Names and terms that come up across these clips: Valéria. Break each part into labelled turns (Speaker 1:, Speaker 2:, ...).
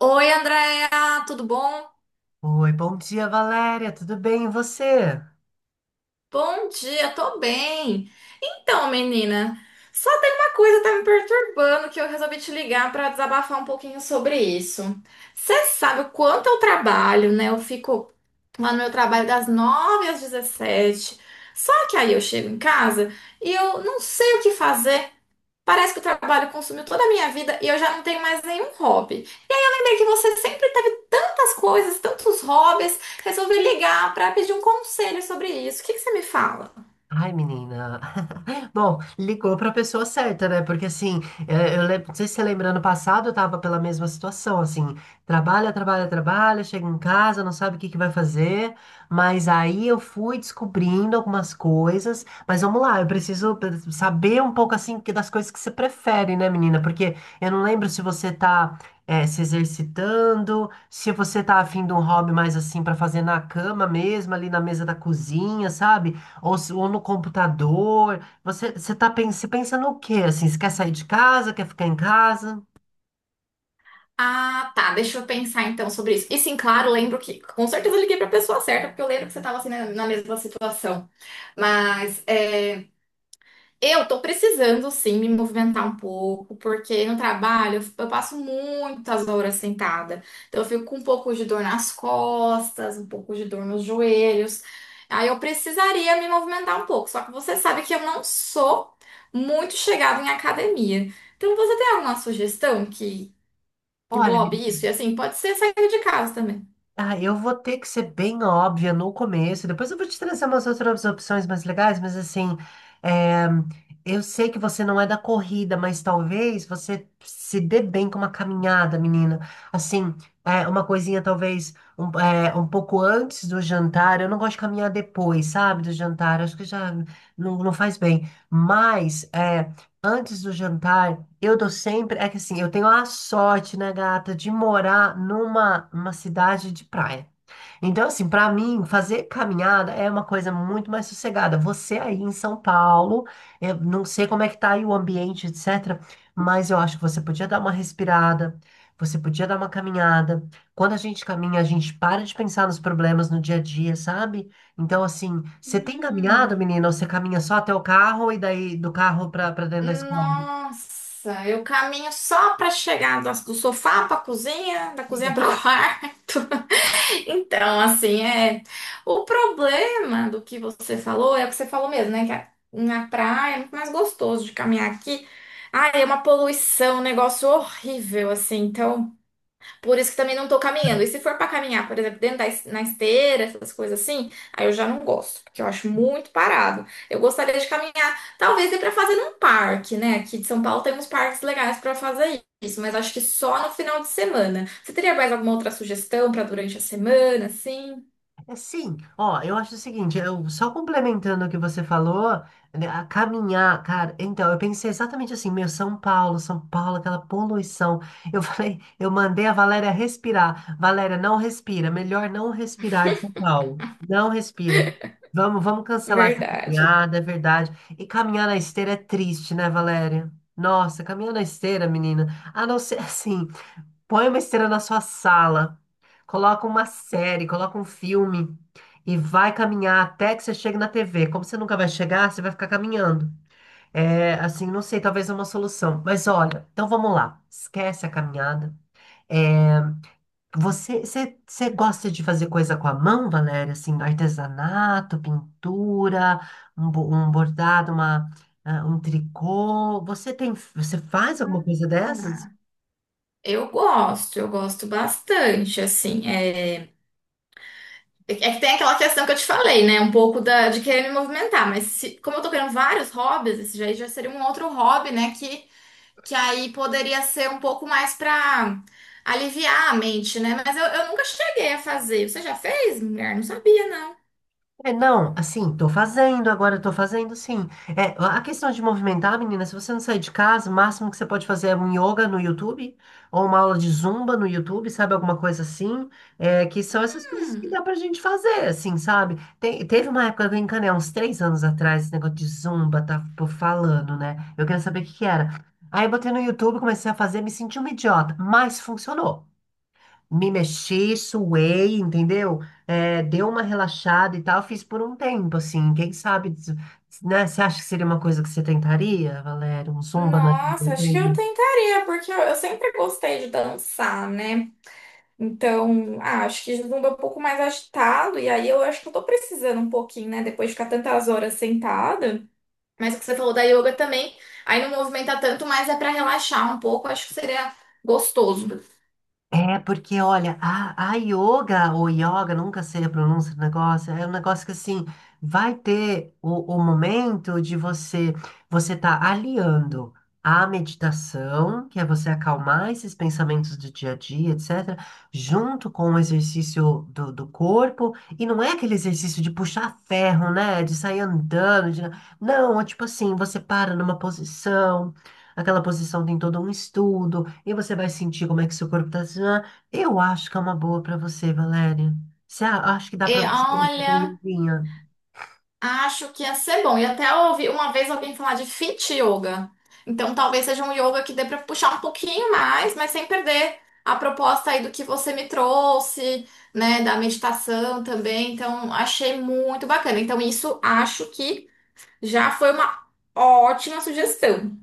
Speaker 1: Oi, Andréa, tudo bom?
Speaker 2: Oi, bom dia, Valéria. Tudo bem? E você?
Speaker 1: Bom dia, tô bem. Então, menina, só tem uma coisa que tá me perturbando que eu resolvi te ligar pra desabafar um pouquinho sobre isso. Você sabe o quanto eu trabalho, né? Eu fico lá no meu trabalho das 9 às 17. Só que aí eu chego em casa e eu não sei o que fazer. Parece que o trabalho consumiu toda a minha vida e eu já não tenho mais nenhum hobby. Lembra que você sempre teve tantas coisas, tantos hobbies, resolvi ligar para pedir um conselho sobre isso. O que que você me fala?
Speaker 2: Ai, menina. Bom, ligou para a pessoa certa, né? Porque assim, eu lembro, não sei se você lembra, ano passado eu tava pela mesma situação, assim, trabalha, trabalha, trabalha, chega em casa, não sabe o que que vai fazer, mas aí eu fui descobrindo algumas coisas, mas vamos lá, eu preciso saber um pouco assim das coisas que você prefere, né, menina? Porque eu não lembro se você tá se exercitando, se você tá afim de um hobby mais assim para fazer na cama mesmo, ali na mesa da cozinha, sabe? Ou, ou no computador. Você tá, você pensa no quê? Assim, você quer sair de casa? Quer ficar em casa?
Speaker 1: Ah, tá, deixa eu pensar então sobre isso. E sim, claro, lembro que com certeza eu liguei para a pessoa certa, porque eu lembro que você estava assim na mesma situação. Mas é, eu tô precisando sim me movimentar um pouco, porque no trabalho eu passo muitas horas sentada. Então eu fico com um pouco de dor nas costas, um pouco de dor nos joelhos. Aí eu precisaria me movimentar um pouco. Só que você sabe que eu não sou muito chegada em academia. Então você tem alguma sugestão que
Speaker 2: Olha,
Speaker 1: englobe isso? E assim, pode ser sair de casa também.
Speaker 2: ah, eu vou ter que ser bem óbvia no começo, depois eu vou te trazer umas outras opções mais legais, mas assim, é, eu sei que você não é da corrida, mas talvez você se dê bem com uma caminhada, menina. Assim, uma coisinha talvez um pouco antes do jantar, eu não gosto de caminhar depois, sabe, do jantar, acho que já não faz bem, mas antes do jantar. Eu tô sempre. É que assim, eu tenho a sorte, né, gata, de morar numa uma cidade de praia. Então, assim, pra mim, fazer caminhada é uma coisa muito mais sossegada. Você aí em São Paulo, eu não sei como é que tá aí o ambiente, etc. Mas eu acho que você podia dar uma respirada, você podia dar uma caminhada. Quando a gente caminha, a gente para de pensar nos problemas no dia a dia, sabe? Então, assim, você tem
Speaker 1: Hum.
Speaker 2: caminhado, menina, ou você caminha só até o carro e daí do carro pra dentro da escola?
Speaker 1: Nossa, eu caminho só para chegar do sofá para cozinha, da cozinha para o quarto. Então, assim, é. O problema do que você falou é o que você falou mesmo, né? Na praia é muito mais gostoso de caminhar. Aqui, ah, é uma poluição, um negócio horrível, assim. Então, por isso que também não tô caminhando. E se for pra caminhar, por exemplo, na esteira, essas coisas assim, aí eu já não gosto, porque eu acho muito parado. Eu gostaria de caminhar, talvez ir pra fazer num parque, né? Aqui de São Paulo tem uns parques legais pra fazer isso, mas acho que só no final de semana. Você teria mais alguma outra sugestão pra durante a semana, assim?
Speaker 2: É, sim, ó, eu acho o seguinte, eu só complementando o que você falou, né, a caminhar, cara, então, eu pensei exatamente assim, meu, São Paulo, São Paulo, aquela poluição, eu falei, eu mandei a Valéria respirar, Valéria, não respira, melhor não respirar em São Paulo, não respira, vamos cancelar essa
Speaker 1: Verdade.
Speaker 2: caminhada, é verdade, e caminhar na esteira é triste, né, Valéria? Nossa, caminhar na esteira, menina, a não ser assim, põe uma esteira na sua sala, coloca uma série, coloca um filme e vai caminhar até que você chegue na TV. Como você nunca vai chegar, você vai ficar caminhando. É, assim, não sei, talvez é uma solução. Mas olha, então vamos lá. Esquece a caminhada. É, você gosta de fazer coisa com a mão, Valéria? Assim, artesanato, pintura, um bordado, um tricô. Você faz alguma coisa dessas?
Speaker 1: Eu gosto bastante, assim. É, É que tem aquela questão que eu te falei, né? Um pouco de querer me movimentar, mas como eu tô querendo vários hobbies, esse já seria um outro hobby, né? Que aí poderia ser um pouco mais pra aliviar a mente, né? Mas eu nunca cheguei a fazer. Você já fez, mulher? Não sabia, não.
Speaker 2: É, não, assim, tô fazendo agora, tô fazendo sim. É, a questão de movimentar, menina, se você não sair de casa, o máximo que você pode fazer é um yoga no YouTube, ou uma aula de zumba no YouTube, sabe? Alguma coisa assim. É, que são essas coisas que dá pra gente fazer, assim, sabe? Teve uma época, eu encanei, uns 3 anos atrás, esse negócio de zumba, tá pô, falando, né? Eu queria saber o que que era. Aí eu botei no YouTube, comecei a fazer, me senti uma idiota, mas funcionou, me mexi, suei, entendeu? É, deu uma relaxada e tal, fiz por um tempo, assim, quem sabe, né? Você acha que seria uma coisa que você tentaria, Valério? Um zumba na...
Speaker 1: Nossa, acho que eu tentaria, porque eu sempre gostei de dançar, né? Então, ah, acho que zumba é um pouco mais agitado, e aí eu acho que eu tô precisando um pouquinho, né? Depois de ficar tantas horas sentada. Mas o que você falou da yoga também, aí não movimenta tanto, mas é pra relaxar um pouco, acho que seria gostoso.
Speaker 2: É, porque olha, a yoga ou yoga, nunca sei a pronúncia do negócio, é um negócio que assim, vai ter o momento de você, você tá aliando a meditação, que é você acalmar esses pensamentos do dia a dia, etc., junto com o exercício do corpo, e não é aquele exercício de puxar ferro, né, de sair andando, não, é tipo assim, você para numa posição, aquela posição tem todo um estudo, e você vai sentir como é que seu corpo está. Eu acho que é uma boa para você, Valéria. Você acho que dá
Speaker 1: E
Speaker 2: para você fazer com
Speaker 1: olha,
Speaker 2: yoguinha.
Speaker 1: acho que ia ser bom. E até eu ouvi uma vez alguém falar de fit yoga. Então talvez seja um yoga que dê pra puxar um pouquinho mais, mas sem perder a proposta aí do que você me trouxe, né, da meditação também. Então achei muito bacana. Então isso acho que já foi uma ótima sugestão.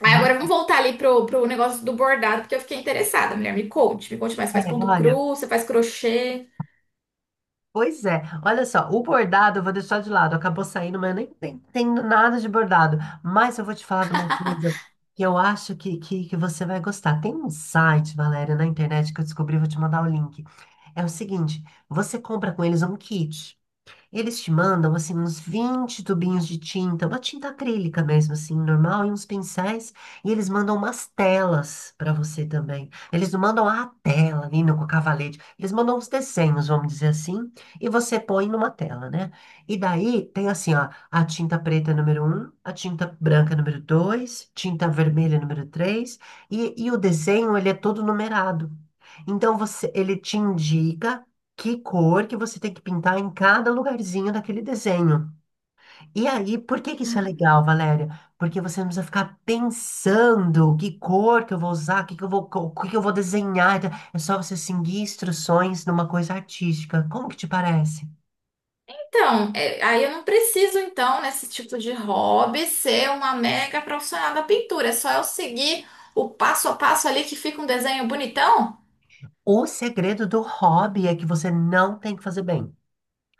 Speaker 1: Aí
Speaker 2: Mas,
Speaker 1: agora vamos voltar ali pro negócio do bordado, porque eu fiquei interessada. Mulher, me conte mais. Você
Speaker 2: é,
Speaker 1: faz ponto
Speaker 2: olha,
Speaker 1: cru, você faz crochê.
Speaker 2: pois é. Olha só, o bordado eu vou deixar de lado. Acabou saindo, mas eu nem entendo nada de bordado. Mas eu vou te falar de uma coisa que eu acho que você vai gostar. Tem um site, Valéria, na internet que eu descobri, vou te mandar o link. É o seguinte, você compra com eles um kit. Eles te mandam, assim, uns 20 tubinhos de tinta, uma tinta acrílica mesmo, assim, normal, e uns pincéis, e eles mandam umas telas para você também. Eles não mandam a tela, linda, com o cavalete, eles mandam uns desenhos, vamos dizer assim, e você põe numa tela, né? E daí tem assim, ó, a tinta preta número 1, a tinta branca número 2, tinta vermelha número 3. E o desenho, ele é todo numerado. Então, você, ele te indica que cor que você tem que pintar em cada lugarzinho daquele desenho. E aí, por que que isso é legal, Valéria? Porque você não precisa ficar pensando que cor que eu vou usar, que eu vou, o que que eu vou desenhar. Então, é só você seguir instruções numa coisa artística. Como que te parece?
Speaker 1: Então, é, aí eu não preciso, então, nesse tipo de hobby, ser uma mega profissional da pintura. É só eu seguir o passo a passo ali que fica um desenho bonitão?
Speaker 2: O segredo do hobby é que você não tem que fazer bem.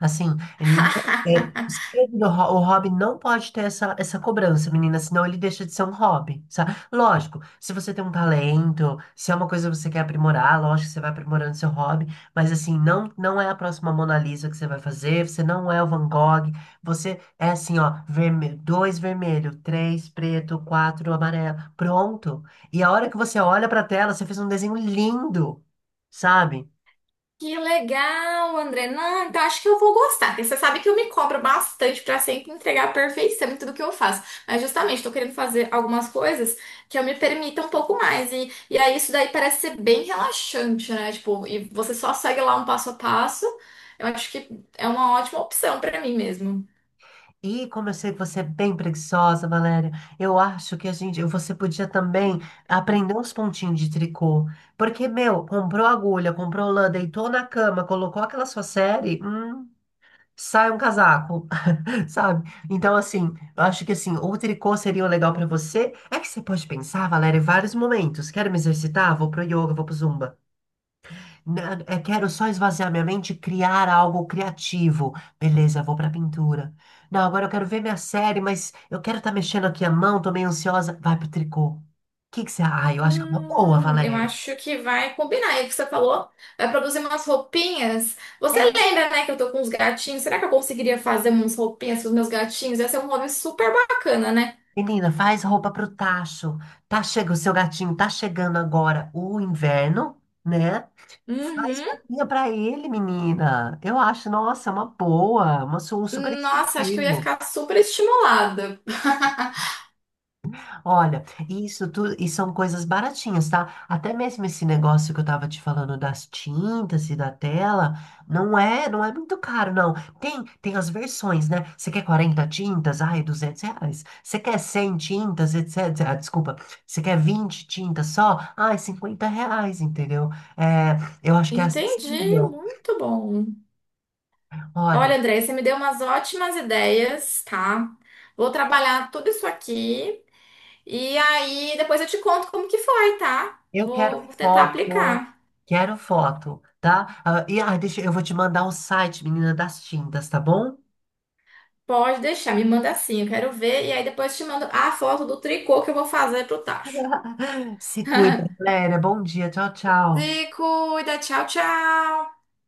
Speaker 2: Assim, ele não- os o hobby não pode ter essa cobrança, menina, senão ele deixa de ser um hobby, sabe? Lógico, se você tem um talento, se é uma coisa que você quer aprimorar, lógico que você vai aprimorando seu hobby, mas assim, não é a próxima Mona Lisa que você vai fazer, você não é o Van Gogh, você é assim, ó, vermelho, dois vermelho, três preto, quatro amarelo, pronto. E a hora que você olha pra tela, você fez um desenho lindo, sabe?
Speaker 1: Que legal, André. Não, então acho que eu vou gostar. Porque você sabe que eu me cobro bastante pra sempre entregar a perfeição em tudo que eu faço. Mas justamente tô querendo fazer algumas coisas que eu me permita um pouco mais. E aí isso daí parece ser bem relaxante, né? Tipo, e você só segue lá um passo a passo. Eu acho que é uma ótima opção pra mim mesmo.
Speaker 2: E como eu sei que você é bem preguiçosa, Valéria. Eu acho que a gente, você podia também aprender uns pontinhos de tricô. Porque, meu, comprou agulha, comprou lã, deitou na cama, colocou aquela sua série, sai um casaco, sabe? Então, assim, eu acho que assim, o tricô seria o legal pra você. É que você pode pensar, Valéria, em vários momentos. Quero me exercitar? Vou pro yoga, vou pro zumba. Né, eu quero só esvaziar minha mente e criar algo criativo. Beleza, vou pra pintura. Não, agora eu quero ver minha série, mas eu quero estar mexendo aqui a mão, tô meio ansiosa. Vai pro tricô. O que que você... Ah, eu acho que é uma boa,
Speaker 1: Eu
Speaker 2: Valéria.
Speaker 1: acho que vai combinar. E o que você falou, vai produzir umas roupinhas. Você
Speaker 2: É,
Speaker 1: lembra, né, que eu tô com uns gatinhos? Será que eu conseguiria fazer umas roupinhas para os meus gatinhos? Ia ser um hobby super bacana, né?
Speaker 2: menina, faz roupa pro tacho. Tá chega o seu gatinho, tá chegando agora o inverno, né? Faz
Speaker 1: Uhum.
Speaker 2: roupinha pra ele, menina. Eu acho, nossa, é uma boa, um super
Speaker 1: Nossa, acho que eu ia
Speaker 2: incentivo.
Speaker 1: ficar super estimulada.
Speaker 2: Olha, isso tudo, e são coisas baratinhas, tá? Até mesmo esse negócio que eu tava te falando das tintas e da tela, não é muito caro, não. Tem as versões, né? Você quer 40 tintas? Ai, R$ 200. Você quer 100 tintas, etc. Ah, desculpa. Você quer 20 tintas só? Ai, R$ 50, entendeu? É, eu acho que é
Speaker 1: Entendi,
Speaker 2: acessível.
Speaker 1: muito bom.
Speaker 2: Olha,
Speaker 1: Olha, André, você me deu umas ótimas ideias, tá? Vou trabalhar tudo isso aqui e aí depois eu te conto como que foi, tá?
Speaker 2: eu
Speaker 1: Vou,
Speaker 2: quero
Speaker 1: vou tentar
Speaker 2: foto.
Speaker 1: aplicar.
Speaker 2: Quero foto, tá? Ah, e deixa, eu vou te mandar o site, menina das tintas, tá bom?
Speaker 1: Pode deixar, me manda assim, eu quero ver. E aí depois te mando a foto do tricô que eu vou fazer pro tacho.
Speaker 2: Se cuida, galera. Bom dia. Tchau,
Speaker 1: Se
Speaker 2: tchau.
Speaker 1: cuida, tchau, tchau!